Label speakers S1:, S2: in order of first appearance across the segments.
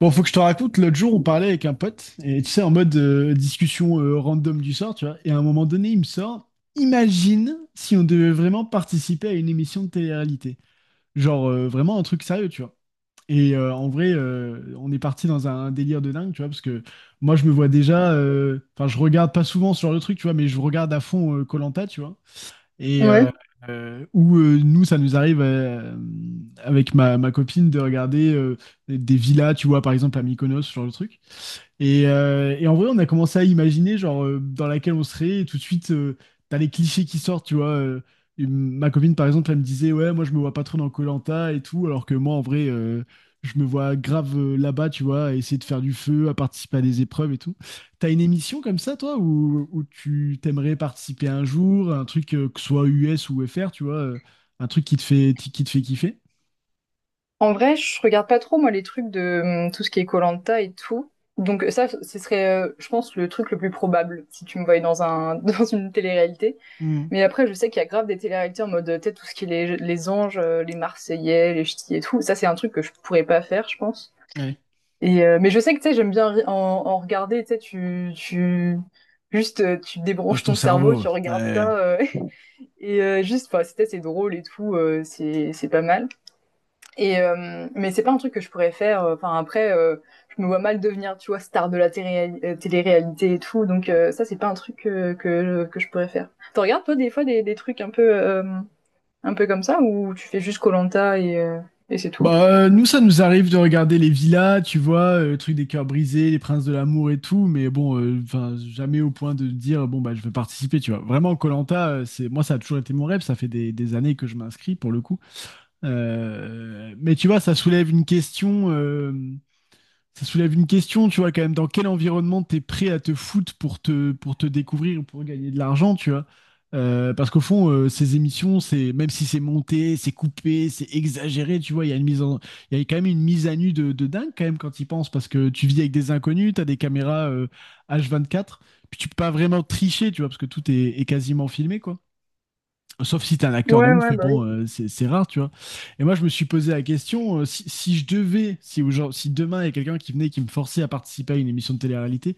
S1: Bon, faut que je te raconte, l'autre jour, on parlait avec un pote, et tu sais, en mode discussion random du sort, tu vois, et à un moment donné, il me sort, imagine si on devait vraiment participer à une émission de télé-réalité. Genre, vraiment un truc sérieux, tu vois. Et en vrai, on est parti dans un délire de dingue, tu vois, parce que moi, je me vois déjà, enfin, je regarde pas souvent ce genre de truc, tu vois, mais je regarde à fond koh tu vois. Et
S2: Ouais.
S1: où nous, ça nous arrive avec ma copine de regarder des villas, tu vois, par exemple à Mykonos, ce genre de truc. Et en vrai, on a commencé à imaginer, genre, dans laquelle on serait, et tout de suite, t'as les clichés qui sortent, tu vois. Et ma copine, par exemple, elle me disait, ouais, moi, je me vois pas trop dans koh et tout, alors que moi, en vrai, je me vois grave là-bas, tu vois, à essayer de faire du feu, à participer à des épreuves et tout. T'as une émission comme ça, toi, où tu t'aimerais participer un jour, un truc, que ce soit US ou FR, tu vois, un truc qui te fait kiffer?
S2: En vrai, je regarde pas trop, moi, les trucs de tout ce qui est koh et tout. Donc ça, ce serait, je pense, le truc le plus probable si tu me voyais dans un dans une télé-réalité.
S1: Hmm,
S2: Mais après, je sais qu'il y a grave des télé-réalités en mode, tu sais, tout ce qui est les anges, les Marseillais, les ch'tis et tout. Ça, c'est un truc que je pourrais pas faire, je pense.
S1: ouais.
S2: Et mais je sais que tu sais, j'aime bien en regarder. Tu sais, tu juste tu
S1: Pose
S2: débranches
S1: ton
S2: ton cerveau,
S1: cerveau.
S2: tu regardes ça
S1: Ouais.
S2: et juste, enfin, c'est drôle et tout, c'est pas mal. Et mais c'est pas un truc que je pourrais faire. Enfin après, je me vois mal devenir, tu vois, star de la télé-réalité et tout. Donc ça, c'est pas un truc que je pourrais faire. T'en regardes toi des fois des trucs un peu comme ça ou tu fais juste Colanta et c'est tout.
S1: Bah, nous, ça nous arrive de regarder les villas, tu vois, le truc des cœurs brisés, les princes de l'amour et tout, mais bon, enfin, jamais au point de dire, bon, bah, je veux participer, tu vois. Vraiment, koh c'est, moi, ça a toujours été mon rêve, ça fait des années que je m'inscris pour le coup. Mais tu vois, ça soulève une question. Ça soulève une question, tu vois, quand même, dans quel environnement t'es prêt à te foutre pour pour te découvrir, pour gagner de l'argent, tu vois. Parce qu'au fond, ces émissions, c'est même si c'est monté, c'est coupé, c'est exagéré, tu vois, il y a quand même une mise à nu de dingue quand même quand ils pensent, parce que tu vis avec des inconnus, t'as des caméras h quatre puis tu peux pas vraiment tricher, tu vois, parce que tout est quasiment filmé, quoi. Sauf si t'es un
S2: Ouais,
S1: acteur de ouf,
S2: ouais,
S1: mais
S2: bah oui.
S1: bon, c'est rare, tu vois. Et moi, je me suis posé la question, si je devais, si demain il y a quelqu'un qui venait et qui me forçait à participer à une émission de télé-réalité,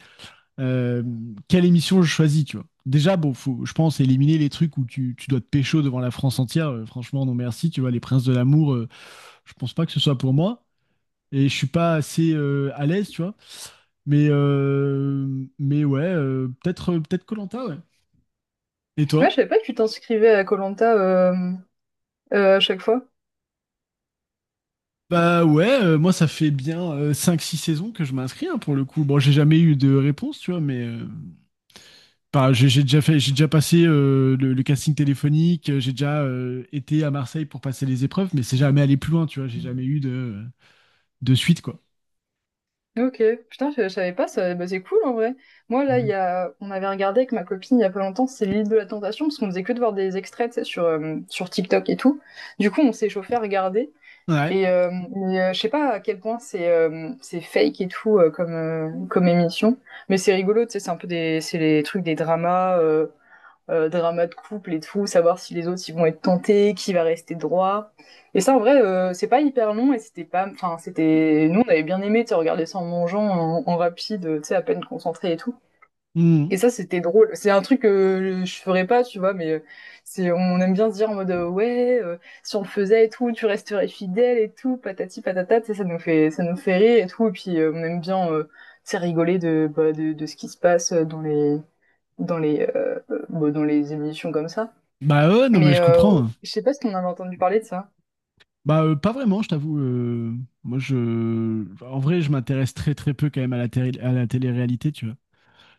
S1: euh, quelle émission je choisis, tu vois. Déjà, bon, faut, je pense éliminer les trucs où tu dois te pécho devant la France entière. Franchement, non merci, tu vois. Les Princes de l'amour, je pense pas que ce soit pour moi. Et je suis pas assez à l'aise, tu vois. Mais, euh, mais ouais, peut-être koh ouais. Et
S2: Ouais,
S1: toi?
S2: je savais pas que tu t'inscrivais à Colanta euh, à chaque fois.
S1: Bah ouais, moi ça fait bien 5-6 saisons que je m'inscris hein, pour le coup. Bon, j'ai jamais eu de réponse, tu vois, mais bah, j'ai déjà fait, j'ai déjà passé le casting téléphonique, j'ai déjà été à Marseille pour passer les épreuves, mais c'est jamais allé plus loin, tu vois, j'ai jamais eu de suite, quoi.
S2: Ok, putain, je savais pas, ça, bah, c'est cool en vrai. Moi là, il y a, on avait regardé avec ma copine il y a pas longtemps, c'est l'île de la Tentation, parce qu'on faisait que de voir des extraits, tu sais, sur, sur TikTok et tout. Du coup, on s'est chauffé à regarder,
S1: Ouais.
S2: et mais, je sais pas à quel point c'est fake et tout comme, comme émission, mais c'est rigolo, tu sais, c'est un peu des, c'est les trucs des dramas, drama de couple et tout, savoir si les autres ils vont être tentés, qui va rester droit. Et ça en vrai, c'est pas hyper long et c'était pas, enfin c'était, nous on avait bien aimé, tu sais, regarder ça en mangeant, en rapide, tu sais à peine concentré et tout.
S1: Mmh.
S2: Et ça c'était drôle. C'est un truc que je ferais pas, tu vois, mais c'est, on aime bien se dire en mode ouais, si on le faisait et tout, tu resterais fidèle et tout, patati patata, tu sais, ça nous fait rire et tout. Et puis on aime bien, tu sais, rigoler bah, de ce qui se passe dans les dans les, euh, bon, dans les émissions comme ça.
S1: Bah ouais, non mais
S2: Mais
S1: je comprends, hein.
S2: je sais pas si on avait entendu parler de ça.
S1: Bah pas vraiment, je t'avoue. Moi je, en vrai, je m'intéresse très très peu quand même à la télé, à la télé-réalité, tu vois.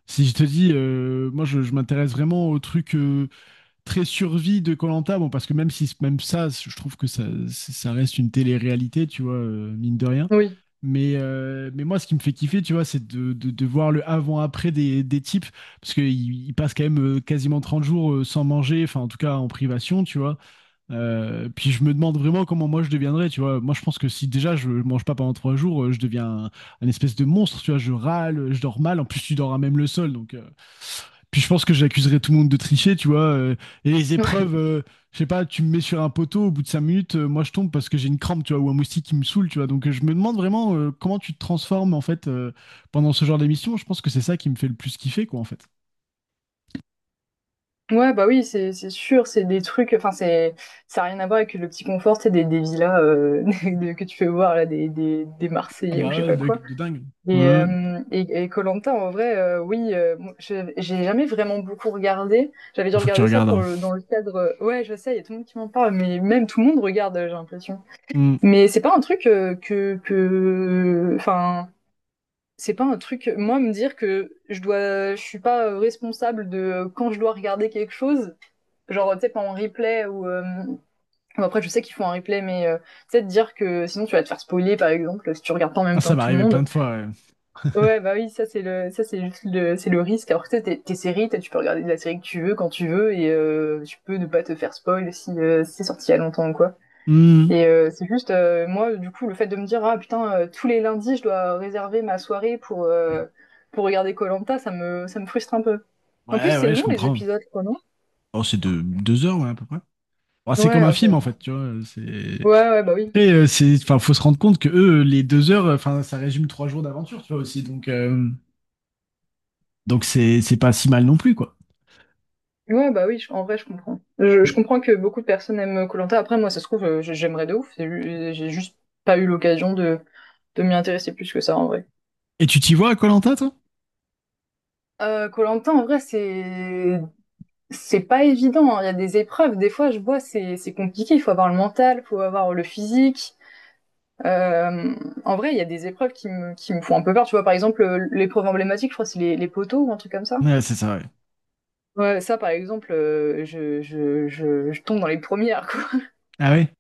S1: Si je te dis, moi je m'intéresse vraiment aux trucs. Très survie de Colanta, bon, parce que même si même ça, je trouve que ça reste une télé-réalité, tu vois, mine de rien.
S2: Oui.
S1: Mais moi, ce qui me fait kiffer, tu vois, c'est de voir le avant-après des types, parce qu'ils passent quand même quasiment 30 jours sans manger, enfin, en tout cas en privation, tu vois. Puis je me demande vraiment comment moi je deviendrais, tu vois. Moi, je pense que si déjà je mange pas pendant 3 jours, je deviens un espèce de monstre, tu vois. Je râle, je dors mal, en plus, tu dors à même le sol, donc. Puis je pense que j'accuserais tout le monde de tricher, tu vois. Et les
S2: Ouais.
S1: épreuves, je sais pas, tu me mets sur un poteau, au bout de 5 minutes, moi je tombe parce que j'ai une crampe, tu vois, ou un moustique qui me saoule, tu vois. Donc je me demande vraiment comment tu te transformes, en fait, pendant ce genre d'émission. Je pense que c'est ça qui me fait le plus kiffer, quoi, en fait.
S2: Ouais, bah oui, c'est sûr, c'est des trucs, enfin c'est ça a rien à voir avec le petit confort, c'est des villas que tu fais voir là des
S1: Ah
S2: Marseillais ou
S1: bah
S2: je sais
S1: ouais,
S2: pas
S1: de,
S2: quoi.
S1: de dingue. Ouais.
S2: Et Colanta en vrai, oui, moi, j'ai jamais vraiment beaucoup regardé. J'avais dû
S1: Ah, faut que tu
S2: regarder ça
S1: regardes,
S2: pour
S1: hein.
S2: le dans le cadre, ouais, je sais, il y a tout le monde qui m'en parle, mais même tout le monde regarde, j'ai l'impression.
S1: Hmm.
S2: Mais c'est pas un truc que enfin. C'est pas un truc, moi, me dire que je dois, je suis pas responsable de quand je dois regarder quelque chose, genre, tu sais, pas en replay ou, bon, après, je sais qu'ils font un replay, mais, tu sais, de dire que sinon tu vas te faire spoiler, par exemple, si tu regardes pas en même
S1: Ah,
S2: temps
S1: ça m'est
S2: que tout le
S1: arrivé
S2: monde.
S1: plein de fois, ouais.
S2: Ouais, bah oui, ça, c'est juste le, c'est le risque. Alors que, tu sais, tes séries, tu peux regarder la série que tu veux, quand tu veux, et, tu peux ne pas te faire spoil si, si c'est sorti il y a longtemps ou quoi.
S1: Hmm.
S2: Et c'est juste, moi, du coup, le fait de me dire, ah putain, tous les lundis, je dois réserver ma soirée pour regarder koh, ça me frustre un peu. En plus,
S1: Ouais,
S2: c'est
S1: ouais, je
S2: long les
S1: comprends.
S2: épisodes, quoi, non?
S1: Oh, c'est de 2 heures, ouais, à peu près. Bah, c'est comme
S2: Ouais,
S1: un
S2: ok.
S1: film,
S2: Ouais,
S1: en fait, tu vois. C'est.
S2: ouais, ouais, bah oui.
S1: Après, enfin, faut se rendre compte que eux, les 2 heures, enfin, ça résume 3 jours d'aventure, tu vois aussi. Donc c'est pas si mal non plus, quoi.
S2: Ouais, bah oui, en vrai, je comprends. Je comprends que beaucoup de personnes aiment koh. Après, moi, ça se trouve, j'aimerais de ouf. J'ai juste pas eu l'occasion de m'y intéresser plus que ça, en vrai.
S1: Et tu t'y vois à Koh-Lanta, toi?
S2: Koh en vrai, c'est pas évident, hein. Il y a des épreuves. Des fois, je vois, c'est compliqué. Il faut avoir le mental, il faut avoir le physique. Euh, en vrai, il y a des épreuves qui me, font un peu peur. Tu vois, par exemple, l'épreuve emblématique, je crois, c'est les poteaux ou un truc comme ça.
S1: Ouais, c'est ça, ouais.
S2: Ouais, ça, par exemple, je tombe dans les premières, quoi.
S1: Ah ouais?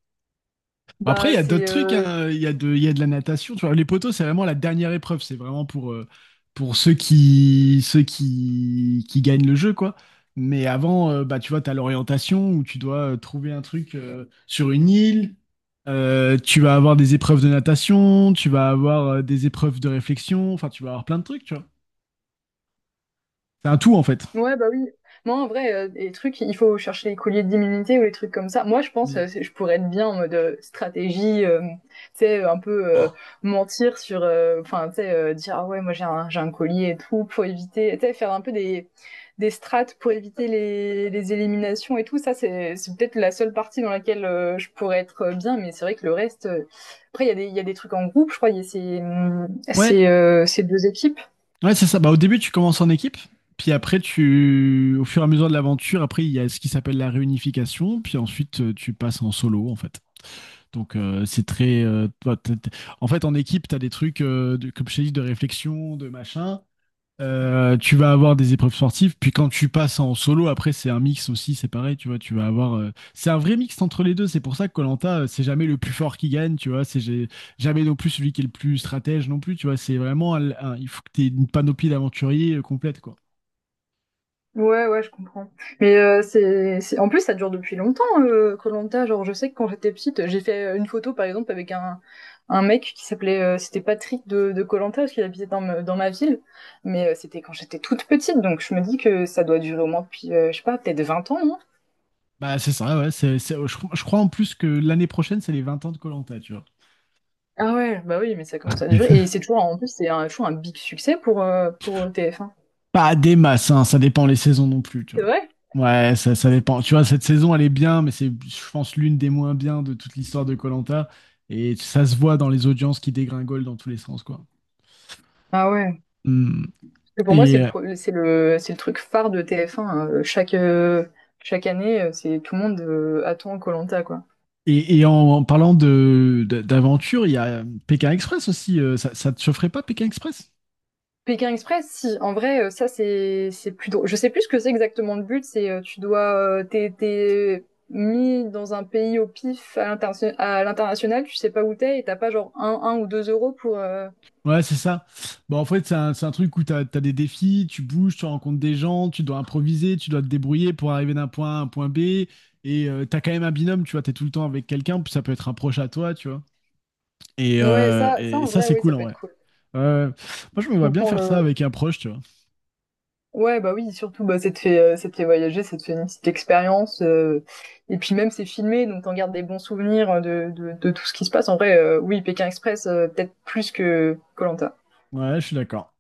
S1: Bah, après, il
S2: Bah,
S1: y a
S2: c'est
S1: d'autres trucs, hein. Il y a de la natation. Tu vois, les poteaux, c'est vraiment la dernière épreuve. C'est vraiment pour ceux qui gagnent le jeu, quoi. Mais avant, bah, tu vois, tu as l'orientation où tu dois trouver un truc sur une île. Tu vas avoir des épreuves de natation, tu vas avoir des épreuves de réflexion. Enfin, tu vas avoir plein de trucs, tu vois. C'est un tout, en fait.
S2: ouais, bah oui. Moi, en vrai, les trucs, il faut chercher les colliers d'immunité ou les trucs comme ça. Moi, je pense,
S1: Oui.
S2: je pourrais être bien en mode stratégie, tu sais, un peu mentir sur, enfin, tu sais, dire, ah ouais, moi j'ai un collier et tout, pour éviter, tu sais, faire un peu des strates pour éviter les éliminations et tout. Ça, c'est peut-être la seule partie dans laquelle je pourrais être bien, mais c'est vrai que le reste. Après, il y a des trucs en groupe, je crois, il y a
S1: Ouais,
S2: ces deux équipes.
S1: ouais, c'est ça. Bah, au début, tu commences en équipe, puis après, au fur et à mesure de l'aventure, après, il y a ce qui s'appelle la réunification, puis ensuite, tu passes en solo, en fait. Donc, c'est très. En fait, en équipe, tu as des trucs, comme je t'ai dit, de réflexion, de machin. Tu vas avoir des épreuves sportives, puis quand tu passes en solo, après c'est un mix aussi, c'est pareil, tu vois, tu vas avoir, c'est un vrai mix entre les deux, c'est pour ça que koh c'est jamais le plus fort qui gagne, tu vois, jamais non plus celui qui est le plus stratège non plus, tu vois, c'est vraiment, il faut que tu aies une panoplie d'aventuriers complète, quoi.
S2: Ouais, ouais, je comprends. Mais en plus, ça dure depuis longtemps, Koh-Lanta. Genre, je sais que quand j'étais petite, j'ai fait une photo, par exemple, avec un mec qui s'appelait, c'était Patrick de Koh-Lanta, parce qu'il habitait dans, dans ma ville. Mais c'était quand j'étais toute petite, donc je me dis que ça doit durer au moins depuis, je sais pas, peut-être 20 ans, non?
S1: Bah, c'est ça, ouais. Je crois en plus que l'année prochaine, c'est les 20 ans de koh tu vois.
S2: Ah ouais, bah oui, mais ça commence à durer. Et c'est toujours, en plus, toujours un big succès pour TF1.
S1: Pas des masses, hein, ça dépend les saisons non plus, tu
S2: C'est
S1: vois.
S2: vrai?
S1: Ouais, ça dépend. Tu vois, cette saison, elle est bien, mais c'est, je pense, l'une des moins bien de toute l'histoire de koh Et ça se voit dans les audiences qui dégringolent dans tous les sens, quoi.
S2: Ah ouais.
S1: Hmm.
S2: Que pour moi, c'est le,
S1: Et,
S2: pro- c'est le truc phare de TF1, hein. Chaque, chaque année, c'est tout le monde attend Koh-Lanta, quoi.
S1: et en parlant d'aventure, il y a Pékin Express aussi. Ça, ça te chaufferait pas, Pékin Express?
S2: Pékin Express, si, en vrai, ça, c'est plus drôle. Je sais plus ce que c'est exactement le but, tu dois, t'es mis dans un pays au pif à à l'international, tu sais pas où t'es, et t'as pas genre un ou 2 euros pour,
S1: Ouais, c'est ça. Bon, en fait, c'est un truc où tu as des défis, tu bouges, tu rencontres des gens, tu dois improviser, tu dois te débrouiller pour arriver d'un point A à un point B. Et t'as quand même un binôme, tu vois, t'es tout le temps avec quelqu'un, puis ça peut être un proche à toi, tu vois. Et,
S2: ouais,
S1: euh,
S2: ça,
S1: et
S2: en
S1: ça,
S2: vrai,
S1: c'est
S2: oui, ça
S1: cool en
S2: peut être
S1: vrai.
S2: cool.
S1: Euh, moi, je me vois
S2: Donc,
S1: bien faire ça avec un proche, tu vois.
S2: ouais, bah oui, surtout, bah, ça te fait voyager, ça te fait une petite expérience. Et puis même, c'est filmé, donc t'en gardes des bons souvenirs de tout ce qui se passe. En vrai, oui, Pékin Express, peut-être plus que koh
S1: Ouais, je suis d'accord.